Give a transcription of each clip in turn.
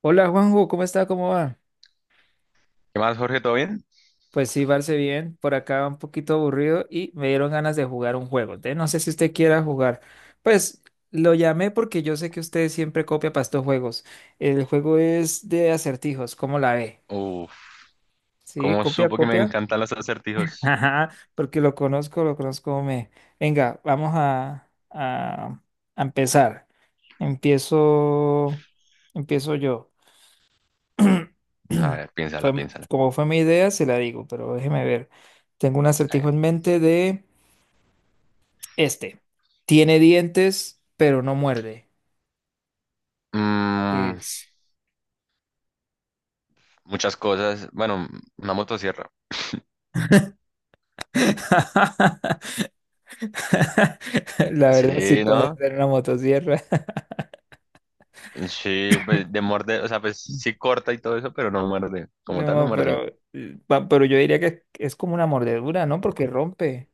Hola Juanjo, ¿cómo está? ¿Cómo va? ¿Qué más, Jorge? ¿Todo bien? Pues sí, Barce, bien. Por acá un poquito aburrido y me dieron ganas de jugar un juego. Entonces, no sé si usted quiera jugar. Pues lo llamé porque yo sé que usted siempre copia para estos juegos. El juego es de acertijos, ¿cómo la ve? Uf, Sí, ¿Cómo copia, supo que me copia. encantan los acertijos? Ajá, porque lo conozco, lo conozco. Me... Venga, vamos a a empezar. Empiezo, empiezo yo. A ver, piénsala, Fue, piénsala. como fue mi idea, se la digo, pero déjeme ver. Tengo un A acertijo en mente de este. Tiene dientes, pero no muerde. ¿Qué Mm, es? muchas cosas. Bueno, una motosierra. La verdad, sí Sí, puede ¿no? ser una motosierra. Sí, pues, de morder, o sea, pues sí corta y todo eso, pero no muerde. Como tal, no No, muerde. pero, pero yo diría que es como una mordedura, ¿no? Porque rompe.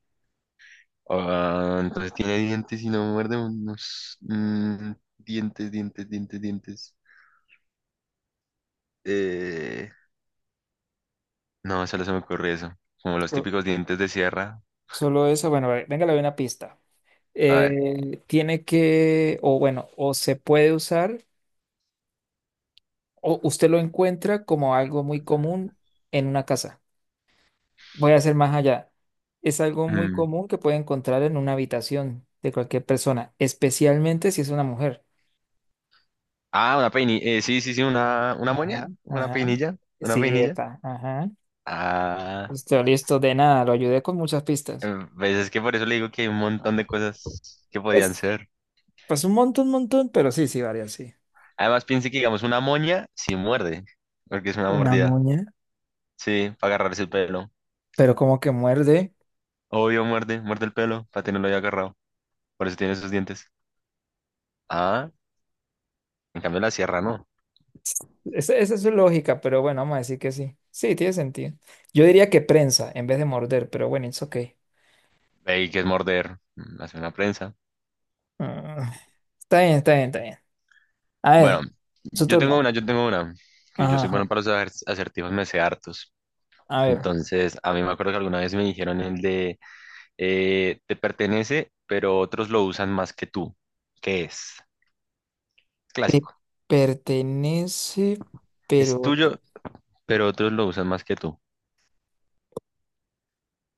Ah, entonces tiene dientes y no muerde unos dientes, dientes, dientes, dientes. Eh, no, solo se me ocurre eso. Como los So- típicos dientes de sierra. Solo eso, bueno, a ver, venga, le doy una pista. A ver. Tiene que, o bueno, o se puede usar. O usted lo encuentra como algo muy común en una casa. Voy a hacer más allá. Es algo muy mm, común que puede encontrar en una habitación de cualquier persona, especialmente si es una mujer. Ah, una peinilla. Sí, sí, sí, una Ajá, moña. Una ajá. peinilla. Una Sí, peinilla. epa, ajá. Ah, Listo, listo, de nada, lo ayudé con muchas pistas. Pues es que por eso le digo que hay un montón de cosas que podían Pues, ser. pues un montón, pero sí, sí, varias, sí. Además, piense que, digamos, una moña sí muerde, porque es una Una mordida. moña. Sí, para agarrarse el pelo. Pero como que muerde. Obvio, muerde, muerde el pelo para tenerlo ya agarrado. Por eso tiene esos dientes. Ah, en cambio, la sierra no. Esa es su lógica, pero bueno, vamos a decir que sí. Sí, tiene sentido. Yo diría que prensa en vez de morder, pero bueno, it's okay. Ahí que es morder. Hace una prensa. Ah, está bien, está bien, está bien. A Bueno, ver, su turno. Yo tengo una. Que yo Ajá, soy ajá. bueno para los acertijos, me sé hartos. A ver. Entonces, a mí me acuerdo que alguna vez me dijeron el de: te pertenece, pero otros lo usan más que tú. ¿Qué es? Te Clásico. pertenece, Es pero... tuyo, pero otros lo usan más que tú.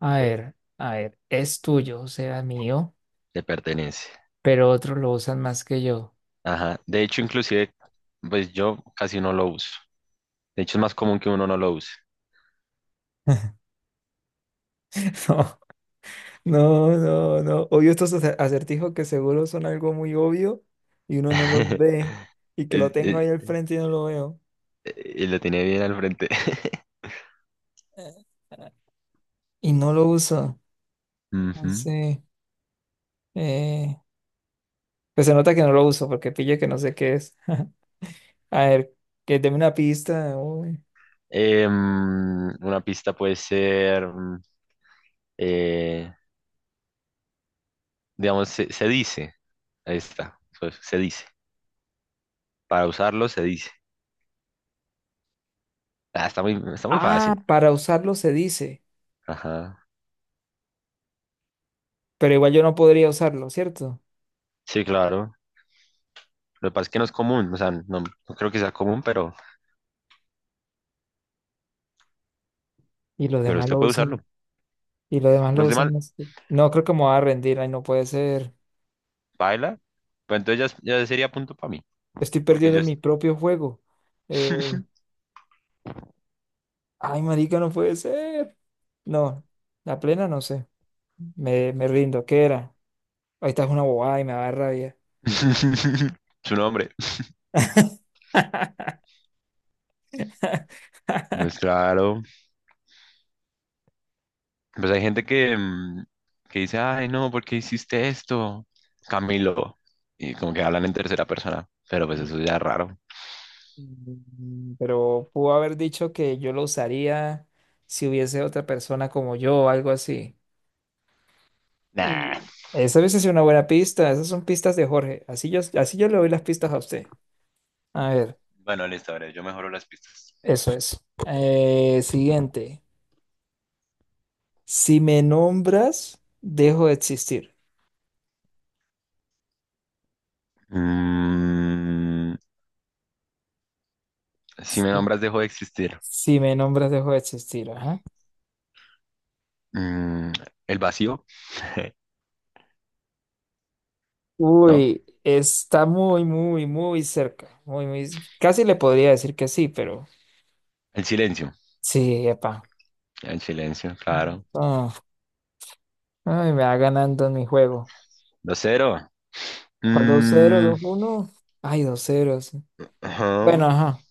A ver, a ver. Es tuyo, o sea, mío, Te pertenece. pero otros lo usan más que yo. Ajá. De hecho, inclusive, pues yo casi no lo uso. De hecho, es más común que uno no lo use. No, no, no, no. Odio estos acertijos que seguro son algo muy obvio y uno no los ve y que lo Es- tengo es- ahí al frente y no lo veo. Y lo tiene bien al frente. Eh, eh, y no lo uso. No Ujú. sé. eh, pues se nota que no lo uso porque pille que no sé qué es. A ver, que deme una pista. Uy. Una pista puede ser, eh, digamos, se dice. Ahí está. Pues, se dice. Para usarlo se dice. Ah, está muy Ah, fácil. para usarlo se dice, Ajá. pero igual yo no podría usarlo, ¿cierto? Sí, claro. Lo que pasa es que no es común. O sea, no, no creo que sea común, Y los pero demás usted lo puede usarlo. usan, y los demás lo Los usan. demás, más que- No, creo que me voy a rendir, ay, no puede ser. baila. Pues entonces ya, ya sería punto para mí. Estoy Porque perdiendo yo... en mi propio juego. Eh, ay, marica, no puede ser. No, la plena no sé. Me rindo, ¿qué era? Ahí está una bobada y me va a dar rabia. Su nombre. Pues claro. Pues hay gente que, que dice, ay, no, ¿por qué hiciste esto? Camilo. Y como que hablan en tercera persona. Pero pues eso ya es raro. Mm, pero pudo haber dicho que yo lo usaría si hubiese otra persona como yo o algo así. Nah. Y esa hubiese sido una buena pista. Esas son pistas de Jorge. Así yo le doy las pistas a usted. A ver, Bueno, listo, a ver, yo mejoro las pistas. eso es. Siguiente. Si me nombras, dejo de existir. Mm, Si me Sí. nombras, dejo de existir. Si me nombras, dejo de existir. Ajá. Mm, el vacío, ¿no? Uy, está muy, muy, muy cerca. Muy, muy... Casi le podría decir que sí, pero El silencio. sí, epa. El silencio, claro. Ay, me va ganando en mi juego. Dos cero. ¿Cuál 2-0, Mm, 2-1? Ay, 2-0. Sí. Bueno, ajá. ajá.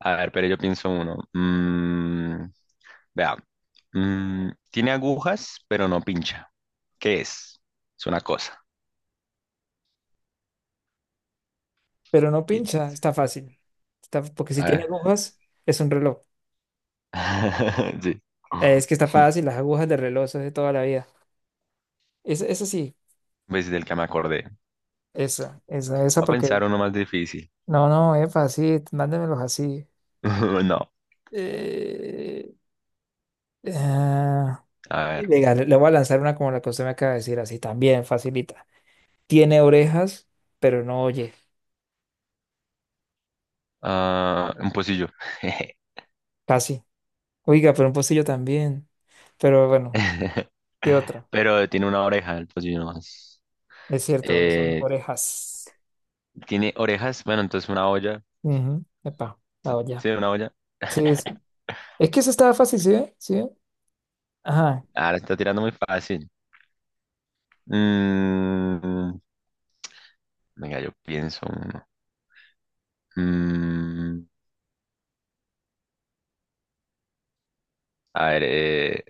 A ver, pero yo pienso uno. Vea. Tiene agujas, pero no pincha. ¿Qué es? Es una cosa. Pero no pincha, Piensa. está fácil. Está, porque si A tiene ver. agujas, es un reloj. Sí. Es que está fácil, las agujas de reloj, eso es de toda la vida. Esa sí, Pues del que me acordé. esa Voy a porque. pensar uno más difícil. No, no, es fácil, mándemelos así. No. Eh, ah, A ver. venga, le voy a lanzar una como la que usted me acaba de decir, así también, facilita. Tiene orejas, pero no oye, Ah, un pocillo. casi. Oiga, pero un pocillo también. Pero bueno, ¿qué otra? Pero tiene una oreja el pocillo nomás. Es cierto, son Eh, orejas. tiene orejas, bueno, entonces una olla. Ujú. Epa, ah, ya. Sí, una olla. Sí, sí. Es que eso estaba fácil, ¿sí ve? ¿Sí ve? Ajá. Ahora está tirando muy fácil. Mm, venga, yo pienso uno. Mm, a ver, eh,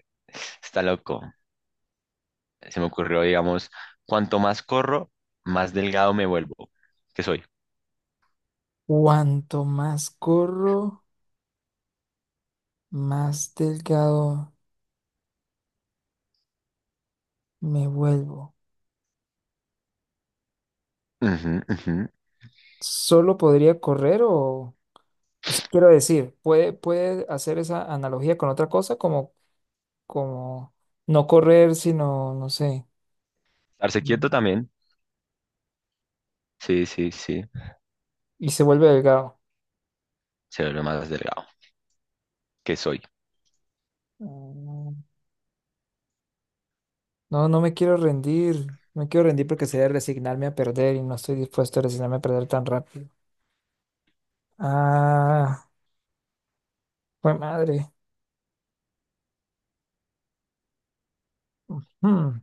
está loco. Se me ocurrió, digamos, cuanto más corro, más delgado me vuelvo. ¿Qué soy? Cuanto más corro, más delgado me vuelvo. Ujú, ujú. ¿Solo podría correr o...? O sea, quiero decir, ¿puede, puede hacer esa analogía con otra cosa? Como, como no correr, sino, no sé, Estarse mm, quieto también. Sí, sí, sí. y se vuelve delgado. Se vuelve más delgado. ¿Qué soy? No, no me quiero rendir. No quiero rendir porque sería resignarme a perder y no estoy dispuesto a resignarme a perder tan rápido. Ah, pues madre. Hmm,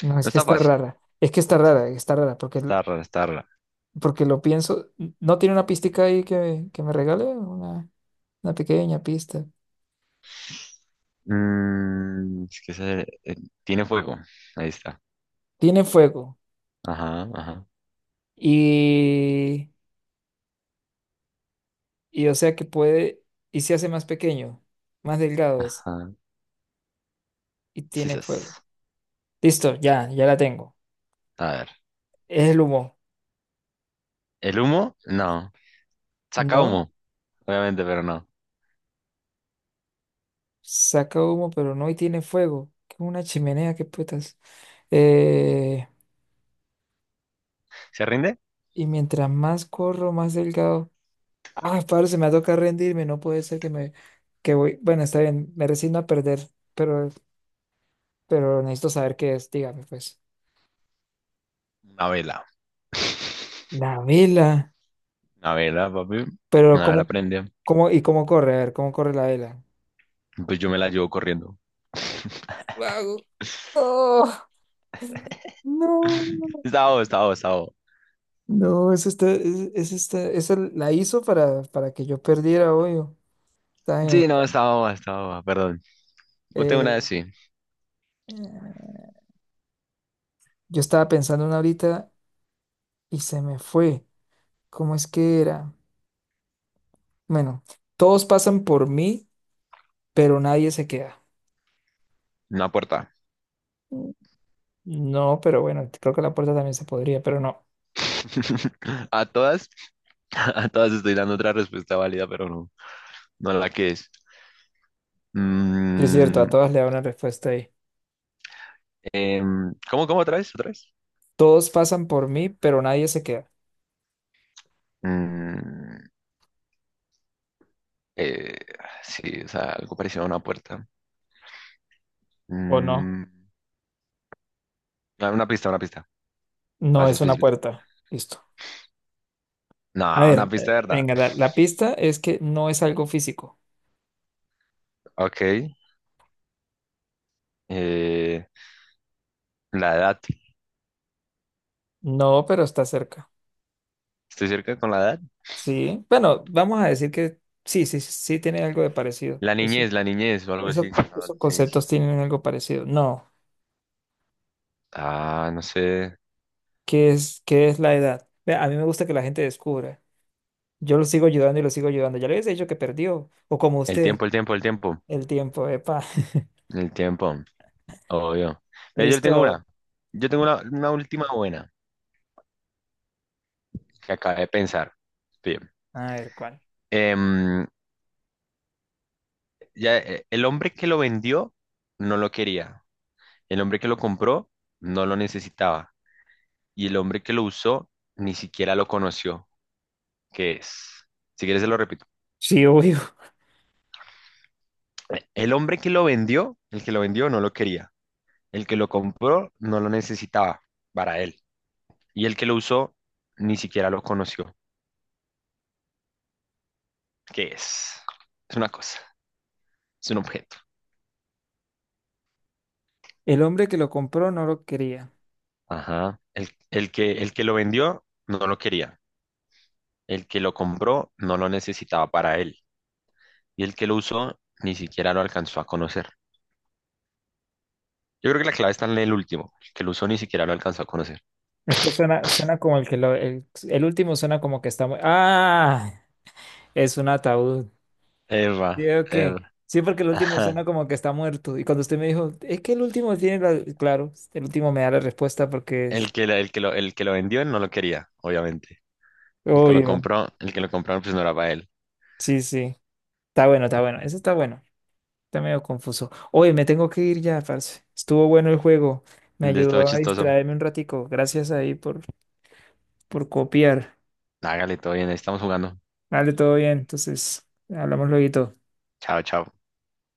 No, No es que está está fácil. rara. Es que está rara, porque... Está raro, está raro. porque lo pienso. ¿No tiene una pista ahí que me regale? Una pequeña pista. Es que ese, tiene fuego. Ahí está. Tiene fuego. Ajá, ajá, Y, y o sea que puede. Y se hace más pequeño, más delgado es. ajá. Y Sí, tiene fuego. sas. Listo, ya, ya la tengo. A ver. Es el humo. ¿El humo? No. Saca ¿No? humo, obviamente, pero no. Saca humo, pero no y tiene fuego. Que es una chimenea, qué putas. Eh, ¿Se rinde? y mientras más corro, más delgado. Ah, padre, se me toca rendirme, no puede ser que me que voy. Bueno, está bien, me resigno a perder, pero, pero necesito saber qué es, dígame pues. Una vela. La vela. Una vela, papi. Pero Una vela cómo, prende. cómo, y cómo corre, a ver, cómo corre la vela. Pues yo me la llevo corriendo. Vago. Oh, no. Está boba, está boba, está boba. No, eso está, esa la hizo para que yo perdiera, obvio. Está bien. Sí, no, está boba, perdón. Ponte una de Eh, sí. eh, yo estaba pensando en una ahorita y se me fue. ¿Cómo es que era? Bueno, todos pasan por mí, pero nadie se queda. Una puerta. Mm. No, pero bueno, creo que la puerta también se podría, pero no. A todas, a todas estoy dando otra respuesta válida, pero no, no la que es. Sí, es cierto, Mm, a todas le da una respuesta ahí. ¿Cómo, cómo otra vez? ¿Otra vez? Todos pasan por mí, pero nadie se queda. Mm, eh, sí, o sea, algo parecido a una puerta. ¿O no? Mm, una pista, No más es una específico. puerta. Listo. No, A una ver, pista de verdad. venga, la pista es que no es algo físico. Ok. eh, la edad. No, pero está cerca. ¿Estoy cerca con la edad? Sí, bueno, vamos a decir que sí, sí, tiene algo de parecido. Eso La niñez o algo así. La esos adolescencia. conceptos tienen algo parecido. No, Ah, no sé. Qué es la edad? Ve, a mí me gusta que la gente descubra. Yo lo sigo ayudando y lo sigo ayudando. Ya le habéis dicho que perdió, o como El usted, tiempo, el tiempo, el tiempo. el tiempo, epa. El tiempo, obvio. Pero yo tengo Listo. una. Yo tengo una última buena que acabé de pensar. Bien. A ver, ¿cuál? Em, ya el hombre que lo vendió no lo quería, el hombre que lo compró no lo necesitaba y el hombre que lo usó ni siquiera lo conoció, que es, si quieres se lo repito, Sí, obvio. el hombre que lo vendió, el que lo vendió no lo quería, el que lo compró no lo necesitaba para él y el que lo usó ni siquiera lo conoció, que es una cosa, es un objeto. El hombre que lo compró no lo quería. Ajá. El que lo vendió no lo quería, el que lo compró no lo necesitaba para él. Y el que lo usó ni siquiera lo alcanzó a conocer. Yo creo que la clave está en el último. El que lo usó ni siquiera lo alcanzó a conocer. Es que suena, suena como el que lo... el último suena como que está ¡ah! Es un ataúd. Eva, Digo que... Eva. Sí, porque el último suena Ajá. como que está muerto. Y cuando usted me dijo, es que el último tiene la... Claro, el último me da la respuesta porque El que lo vendió no lo quería, obviamente. El que lo obvio. compró, el que lo compró, pues no era para él. Sí, sí. Está bueno, está bueno. Eso está bueno. Está medio confuso. Oye, me tengo que ir ya, parce. Estuvo bueno el juego. Me De esto ayudó a chistoso. distraerme un ratico. Gracias ahí por copiar. Hágale, todo bien, ahí estamos jugando. Vale, todo bien. Entonces, hablamos luego. Chao, chao.